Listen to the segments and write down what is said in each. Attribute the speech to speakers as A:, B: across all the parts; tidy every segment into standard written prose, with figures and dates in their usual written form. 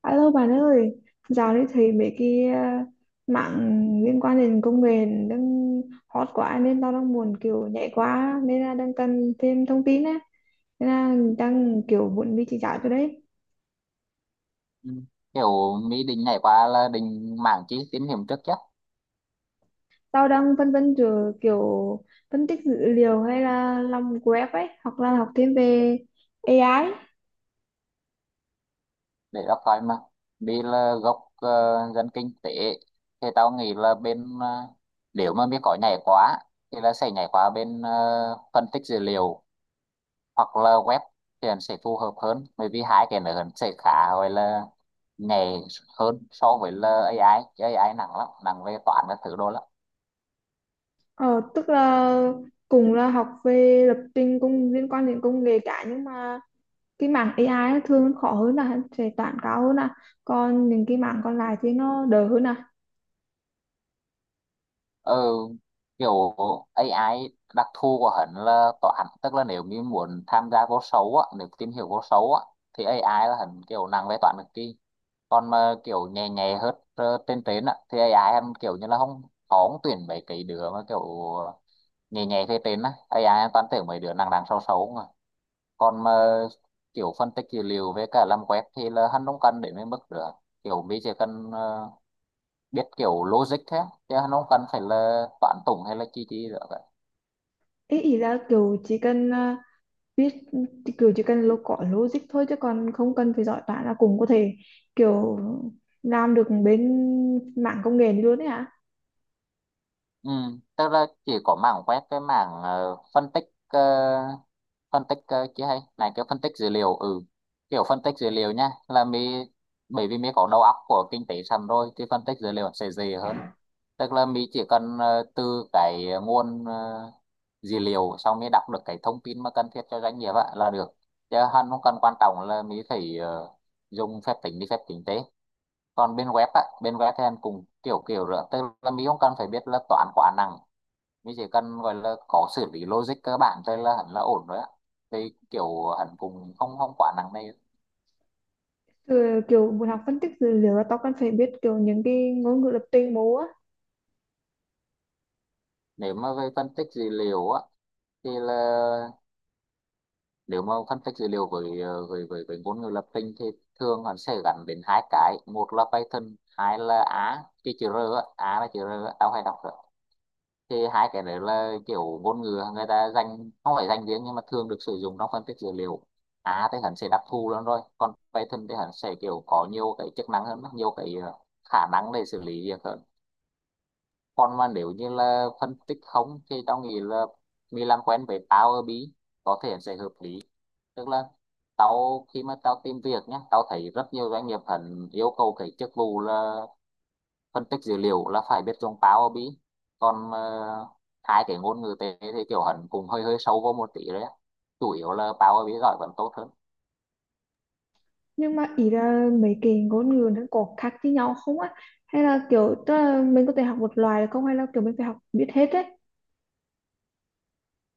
A: Alo bạn ơi, dạo này thấy mấy cái mạng liên quan đến công nghệ đang hot quá nên tao đang muốn kiểu nhảy quá nên là đang cần thêm thông tin á. Nên là đang kiểu muốn đi chỉ giáo cho đấy.
B: Ừ. Kiểu Mỹ định nhảy qua là định mảng chi tín hiểm trước chứ,
A: Tao đang phân vân giữa kiểu phân tích dữ liệu hay là làm web ấy, hoặc là học thêm về AI.
B: để đọc coi mà, vì là gốc dân kinh tế. Thì tao nghĩ là bên nếu mà Mỹ có nhảy quá thì là sẽ nhảy qua bên phân tích dữ liệu hoặc là web, thì nó sẽ phù hợp hơn bởi vì hai cái nữa nó sẽ khá gọi là nhảy hơn so với là a i, chứ a i nặng lắm, nặng về toán các thứ đồ lắm.
A: Ờ, tức là cùng là học về lập trình cùng liên quan đến công nghệ cả, nhưng mà cái mảng AI nó thường khó hơn, là sẽ toán cao hơn à, còn những cái mảng còn lại thì nó đỡ hơn à?
B: ừ, Kiểu AI, đặc thù của hắn là toán, tức là nếu như muốn tham gia vô số á, nếu tìm hiểu vô số á thì AI là hắn kiểu nặng về toán cực kỳ. Còn mà kiểu nhẹ nhẹ hết trên trên á thì AI hắn kiểu như là không khó, không tuyển mấy cái đứa mà kiểu nhẹ nhẹ phía trên á, AI hắn toàn tuyển mấy đứa nặng nặng xấu xấu mà. Còn mà kiểu phân tích dữ liệu với cả làm web thì là hắn không cần đến mấy mức nữa, kiểu mình chỉ cần biết kiểu logic thế, chứ nó không cần phải là toán tủng hay là chi chi nữa cả.
A: Ý ý là kiểu chỉ cần biết, kiểu chỉ cần lo có logic thôi chứ còn không cần phải giỏi toán là cũng có thể kiểu làm được bên mảng công nghệ này luôn đấy hả?
B: Ừ, tức là chỉ có mảng web, cái mảng phân tích chứ hay này, cái phân tích dữ liệu. Ừ, kiểu phân tích dữ liệu nha là mi, bởi vì mi có đầu óc của kinh tế sẵn rồi thì phân tích dữ liệu sẽ dễ hơn. Tức là mi chỉ cần từ cái nguồn dữ liệu, xong mi đọc được cái thông tin mà cần thiết cho doanh nghiệp á là được, chứ hắn không cần quan trọng là mi phải dùng phép tính đi phép tính tế. Còn bên web á, bên web thì em cũng kiểu kiểu rồi, tức là mình không cần phải biết là toán quá nặng, mình chỉ cần gọi là có xử lý logic cơ bản thôi là hẳn là ổn rồi á. Thì kiểu hẳn cũng không không quá nặng này.
A: Ừ, kiểu muốn học phân tích dữ liệu là tao cần phải biết kiểu những cái ngôn ngữ lập trình bố á?
B: Nếu mà về phân tích dữ liệu á thì là nếu mà phân tích dữ liệu với với ngôn ngữ lập trình thì thường hẳn sẽ gắn đến hai cái, một là Python, hai là A, cái chữ R á, A là chữ R á, tao hay đọc. Thì hai cái đấy là kiểu ngôn ngữ người ta dành, không phải dành riêng nhưng mà thường được sử dụng trong phân tích dữ liệu. Á thì hắn sẽ đặc thù lắm rồi, còn Python thì hắn sẽ kiểu có nhiều cái chức năng hơn, nhiều cái khả năng để xử lý việc hơn. Còn mà nếu như là phân tích không thì tao nghĩ là mình làm quen với Power BI có thể sẽ hợp lý. Tức là tao khi mà tao tìm việc nhé, tao thấy rất nhiều doanh nghiệp hắn yêu cầu cái chức vụ là phân tích dữ liệu là phải biết dùng Power BI. Còn hai cái ngôn ngữ tế thì kiểu hẳn cũng hơi hơi sâu vô một tí đấy á. Chủ yếu là Power BI giỏi vẫn tốt hơn.
A: Nhưng mà ý là mấy cái ngôn ngữ nó có khác với nhau không á, hay là kiểu, tức là mình có thể học một loài được không, hay là kiểu mình phải học biết hết đấy?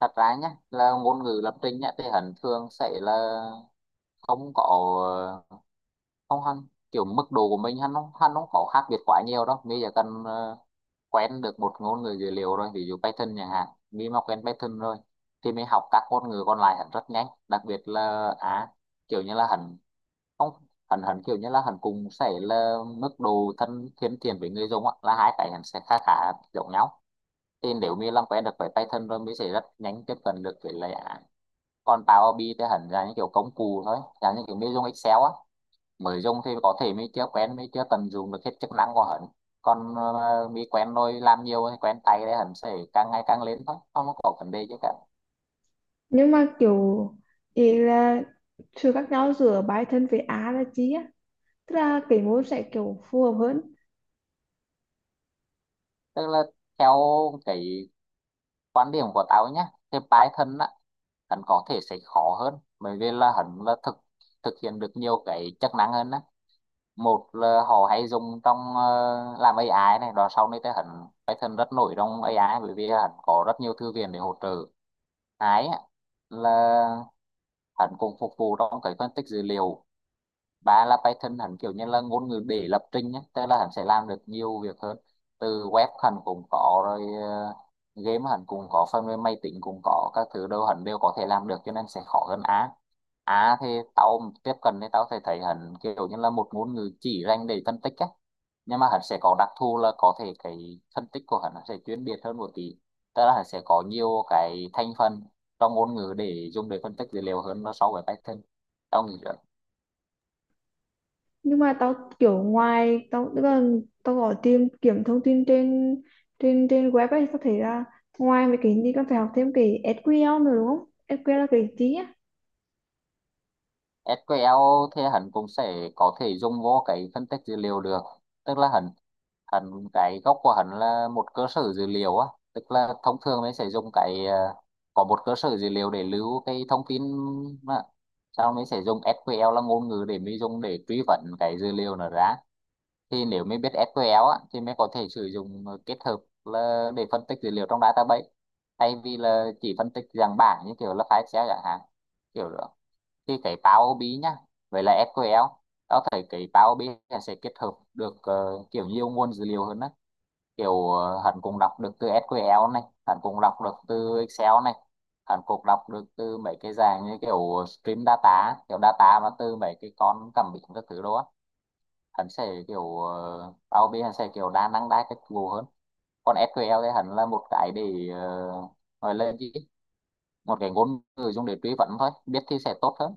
B: Thật ra nhá, là ngôn ngữ lập trình nhá thì hẳn thường sẽ là không có, ờ, không hẳn, kiểu mức độ của mình hắn không, hắn không có khác biệt quá nhiều đâu, bây giờ cần quen được một ngôn ngữ dữ liệu rồi, ví dụ Python chẳng hạn, mình mà quen Python rồi thì mình học các ngôn ngữ còn lại hẳn rất nhanh, đặc biệt là à kiểu như là hẳn không, hắn hắn kiểu như là hắn cũng sẽ là mức độ thân thân thiện với người dùng á, là hai cái hắn sẽ khá khá giống nhau. Thì nếu như làm quen được với Python rồi mới sẽ rất nhanh tiếp cận được với lại án. Còn Power BI thì hắn là những kiểu công cụ thôi, là những kiểu mình dùng Excel á, mới dùng thì có thể mình chưa quen, mình chưa tận dụng được hết chức năng của hắn. Còn mình quen rồi, làm nhiều quen tay thì hắn sẽ càng ngày càng lên thôi, không có vấn đề chứ cả.
A: Nhưng mà kiểu, ý là sự khác nhau giữa bài thân với á là chi á, tức là cái môn sẽ kiểu phù hợp hơn.
B: Tức là theo cái quan điểm của tao nhé, thì Python á, hắn có thể sẽ khó hơn bởi vì là hắn là thực thực hiện được nhiều cái chức năng hơn á. Một là họ hay dùng trong làm AI này đó, sau này thì hắn Python rất nổi trong AI bởi vì hắn có rất nhiều thư viện để hỗ trợ cái á, là hắn cũng phục vụ trong cái phân tích dữ liệu. Ba là Python hẳn kiểu như là ngôn ngữ để lập trình nhé, tức là hẳn sẽ làm được nhiều việc hơn, từ web hẳn cũng có rồi, game hẳn cũng có, phần mềm máy tính cũng có, các thứ đâu hẳn đều có thể làm được, cho nên sẽ khó hơn A. A thì tao tiếp cận thì tao sẽ thấy hẳn kiểu như là một ngôn ngữ chỉ dành để phân tích á, nhưng mà hẳn sẽ có đặc thù là có thể cái phân tích của hẳn nó sẽ chuyên biệt hơn một tí, tức là hẳn sẽ có nhiều cái thành phần trong ngôn ngữ để dùng để phân tích dữ liệu hơn nó so với Python, tao nghĩ.
A: Nhưng mà tao kiểu, ngoài tao tức là tao gọi tìm kiếm thông tin trên trên trên web ấy, tao thấy là ngoài mấy cái gì con phải học thêm cái SQL nữa đúng không? SQL là cái gì á?
B: SQL thì hẳn cũng sẽ có thể dùng vô cái phân tích dữ liệu được. Tức là hẳn hẳn cái gốc của hẳn là một cơ sở dữ liệu á, tức là thông thường mình sẽ dùng cái có một cơ sở dữ liệu để lưu cái thông tin, mà sau mình sẽ dùng SQL là ngôn ngữ để mình dùng để truy vấn cái dữ liệu nó ra. Thì nếu mình biết SQL á, thì mình có thể sử dụng kết hợp là để phân tích dữ liệu trong database, thay vì là chỉ phân tích dạng bảng như kiểu là file Excel chẳng hạn, kiểu đó. Thì cái Power BI ai nhá, vậy là SQL, tao thấy cái Power BI là sẽ kết hợp được kiểu nhiều nguồn dữ liệu hơn đó, kiểu hắn cũng đọc được từ SQL này, hắn cũng đọc được từ Excel này, hắn cũng đọc được từ mấy cái dạng như kiểu stream data, kiểu data mà từ mấy cái con cảm biến các thứ đó á. Hắn sẽ kiểu Power BI ai hắn sẽ kiểu đa năng đa cách vụ hơn. Còn SQL thì hắn là một cái để ờ, gọi là gì, một cái ngôn ngữ dùng để truy vấn thôi, biết thì sẽ tốt hơn.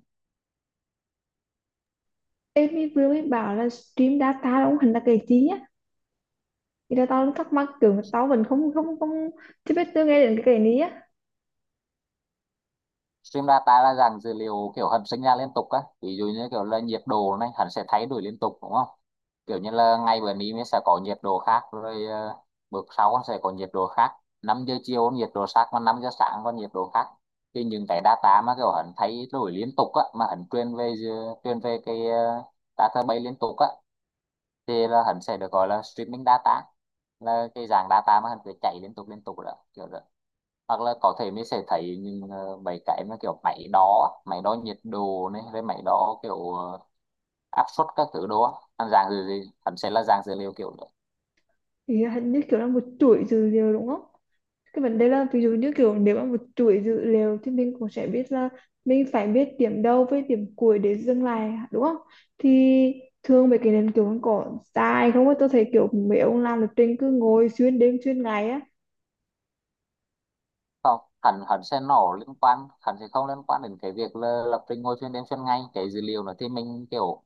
A: Em mới vừa mới bảo là stream data đúng không? Hình là cái gì á? Thì là tao thắc mắc kiểu tao vẫn không không không chưa biết, chưa nghe đến cái này á.
B: Stream data là dạng dữ liệu kiểu hầm sinh ra liên tục á, ví dụ như kiểu là nhiệt độ này hẳn sẽ thay đổi liên tục đúng không, kiểu như là ngày bữa nay mình sẽ có nhiệt độ khác rồi, bữa sau con sẽ có nhiệt độ khác, 5 giờ chiều con nhiệt độ khác, còn 5 giờ sáng con nhiệt độ khác. Thì những cái data mà kiểu hẳn thay đổi liên tục á, mà hẳn truyền về truyền về cái database liên tục á, thì là hẳn sẽ được gọi là streaming data, là cái dạng data mà hẳn cứ chạy liên tục đó, kiểu đó. Hoặc là có thể mình sẽ thấy những mấy cái mà kiểu máy đo á, máy đo nhiệt độ này, với máy đo kiểu áp suất các thứ đó, anh dạng gì gì hẳn sẽ là dạng dữ liệu kiểu.
A: Thì hình như kiểu là một chuỗi dữ liệu đúng không? Cái vấn đề là ví dụ như kiểu nếu mà một chuỗi dữ liệu thì mình cũng sẽ biết là mình phải biết điểm đầu với điểm cuối để dừng lại đúng không? Thì thường mấy cái nền kiểu nó có dài không á? Tôi thấy kiểu mấy ông làm lập trình cứ ngồi xuyên đêm xuyên ngày á.
B: Không hẳn hẳn sẽ nổ liên quan, hẳn sẽ không liên quan đến cái việc là lập trình ngồi chuyên đêm chuyên ngày. Cái dữ liệu nó thì mình kiểu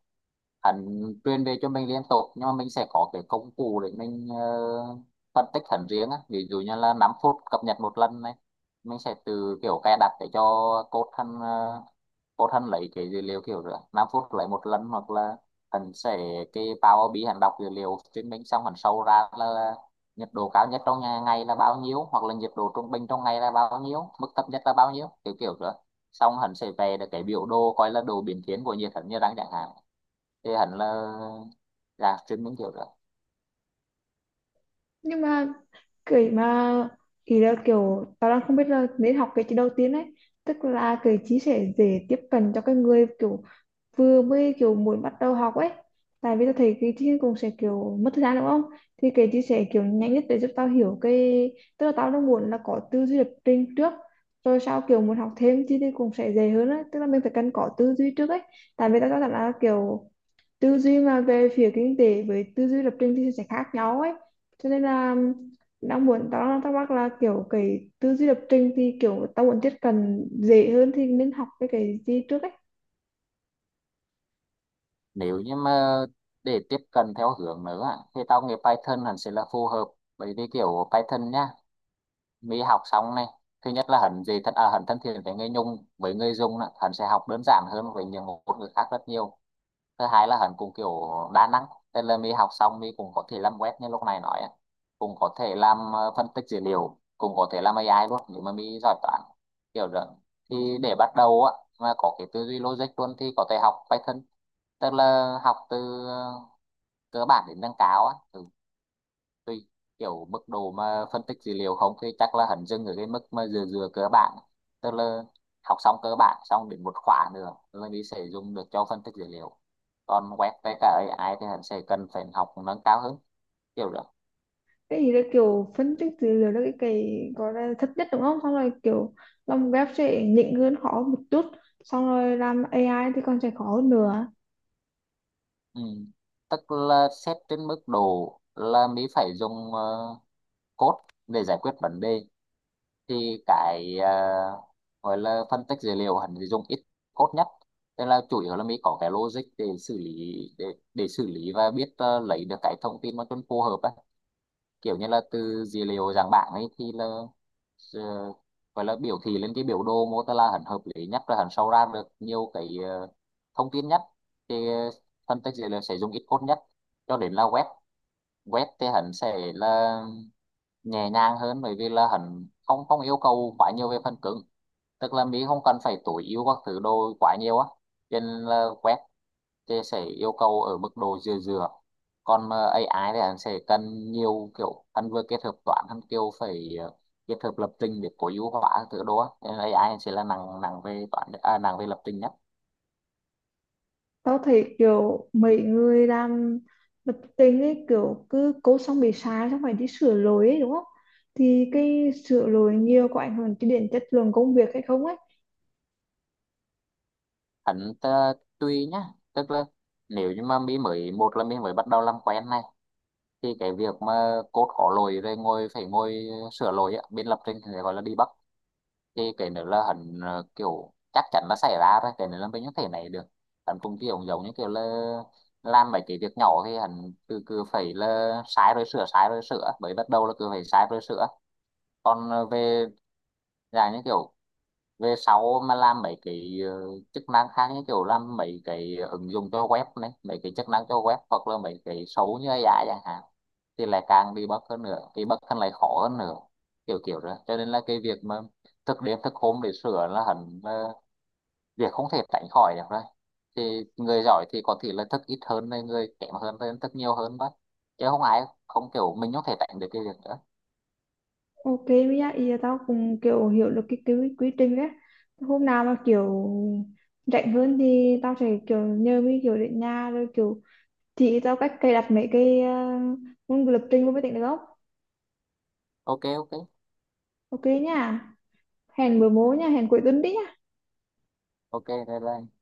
B: hẳn truyền về cho mình liên tục, nhưng mà mình sẽ có cái công cụ để mình phân tích hẳn riêng á. Ví dụ như là 5 phút cập nhật một lần này, mình sẽ từ kiểu cài đặt để cho code hẳn code hẳn lấy cái dữ liệu kiểu rồi 5 phút lấy một lần, hoặc là hẳn sẽ cái Power BI hẳn đọc dữ liệu trên mình, xong hẳn sâu ra là nhiệt độ cao nhất trong ngày là bao nhiêu, hoặc là nhiệt độ trung bình trong ngày là bao nhiêu, mức thấp nhất là bao nhiêu, kiểu kiểu nữa. Xong hắn sẽ về được cái biểu đồ coi là đồ biến thiên của nhiệt hắn như đang chẳng hạn. Thì hắn là chuyên môn kiểu nữa.
A: Nhưng mà cái mà ý là kiểu tao đang không biết là nên học cái gì đầu tiên ấy, tức là cái chí sẽ dễ tiếp cận cho cái người kiểu vừa mới kiểu muốn bắt đầu học ấy. Tại vì tôi thấy cái chia cũng sẽ kiểu mất thời gian đúng không? Thì cái chia sẻ kiểu nhanh nhất để giúp tao hiểu cái, tức là tao đang muốn là có tư duy lập trình trước, rồi sau kiểu muốn học thêm thì cũng sẽ dễ hơn á, tức là mình phải cần có tư duy trước ấy. Tại vì tao cho rằng là kiểu tư duy mà về phía kinh tế với tư duy lập trình thì sẽ khác nhau ấy, cho nên là đang muốn, tao đang thắc mắc là kiểu cái tư duy lập trình thì kiểu tao muốn tiếp cận dễ hơn thì nên học cái gì trước ấy.
B: Nếu như mà để tiếp cận theo hướng nữa thì tao nghĩ Python hẳn sẽ là phù hợp, bởi vì kiểu Python nhá. Mỹ học xong này, thứ nhất là hắn thân thiện với người Nhung với người Dung á, hắn sẽ học đơn giản hơn với những ngôn ngữ khác rất nhiều. Thứ hai là hắn cũng kiểu đa năng, tức là Mỹ học xong Mỹ cũng có thể làm web như lúc này nói á. Cũng có thể làm phân tích dữ liệu, cũng có thể làm AI luôn nếu mà Mỹ giỏi toán, kiểu đó. Thì để bắt đầu á mà có cái tư duy logic luôn thì có thể học Python, tức là học từ cơ bản đến nâng cao á. Tùy kiểu mức độ mà phân tích dữ liệu không thì chắc là hắn dừng ở cái mức mà dừa dừa cơ bản. Tức là học xong cơ bản xong đến một khóa nữa là đi sẽ dùng được cho phân tích dữ liệu. Còn web với cả AI thì hắn sẽ cần phải học nâng cao hơn, kiểu đó.
A: Cái gì đó kiểu phân tích dữ liệu đó, cái gọi là thấp nhất đúng không, xong rồi kiểu làm web sẽ nhỉnh hơn khó một chút, xong rồi làm AI thì còn sẽ khó hơn nữa.
B: Ừ. Tức là xét trên mức độ là mình phải dùng code để giải quyết vấn đề, thì cái gọi là phân tích dữ liệu hắn dùng ít code nhất. Tức là chủ yếu là mình có cái logic để xử lý để xử lý và biết lấy được cái thông tin mà cho nó phù hợp á. Kiểu như là từ dữ liệu dạng bảng ấy thì là ờ, gọi là biểu thị lên cái biểu đồ mô tả là hắn hợp lý nhất, và hắn sau ra được nhiều cái thông tin nhất. Thì phân tích dữ liệu sẽ dùng ít code nhất, cho đến là web. Web thì hắn sẽ là nhẹ nhàng hơn bởi vì là hắn không không yêu cầu quá nhiều về phần cứng. Tức là Mỹ không cần phải tối ưu các thứ đồ quá nhiều á, cho nên là web thì sẽ yêu cầu ở mức độ vừa vừa. Còn mà AI thì hắn sẽ cần nhiều, kiểu hắn vừa kết hợp toán, hắn kiểu phải kết hợp lập trình để tối ưu hóa các thứ đồ á, cho nên AI hắn sẽ là nặng, nặng về toán à, nặng về lập trình nhất.
A: Tao thấy kiểu mấy người làm lập trình ấy kiểu cứ code xong bị sai xong phải đi sửa lỗi ấy đúng không? Thì cái sửa lỗi nhiều có ảnh hưởng đến chất lượng công việc hay không ấy?
B: Hắn tùy nhá. Tức là nếu như mà Mỹ mới, một là Mỹ mới bắt đầu làm quen này. Thì cái việc mà code có lỗi rồi ngồi phải ngồi sửa lỗi á, bên lập trình thì gọi là debug, thì cái nữa là hẳn kiểu chắc chắn là xảy ra rồi, cái nữa là mình không thể này được. Hắn cũng kiểu giống như kiểu là làm mấy cái việc nhỏ thì hẳn cứ cứ phải là sai rồi sửa, sai rồi sửa, bởi bắt đầu là cứ phải sai rồi sửa. Còn về dài như kiểu về sau mà làm mấy cái chức năng khác, như kiểu làm mấy cái ứng dụng cho web này, mấy cái chức năng cho web hoặc là mấy cái xấu như AI chẳng hạn, thì lại càng đi bug hơn nữa, bị bug hơn lại khó hơn nữa, kiểu kiểu rồi. Cho nên là cái việc mà thức đêm thức hôm để sửa là hẳn việc không thể tránh khỏi được rồi. Thì người giỏi thì có thể là thức ít hơn này, người kém hơn thì thức nhiều hơn đó. Chứ không ai không, kiểu mình không thể tránh được cái việc đó.
A: Ok, với lại ý là tao cũng kiểu hiểu được cái quy trình ấy. Hôm nào mà kiểu rảnh hơn thì tao sẽ kiểu nhờ mấy kiểu đến nhà rồi kiểu chị tao cách cài đặt mấy cái môn lập trình vô máy tính được không?
B: Ok ok.
A: Ok nha. Hẹn bữa mố nha, hẹn cuối tuần đi nha.
B: Ok, bye bye.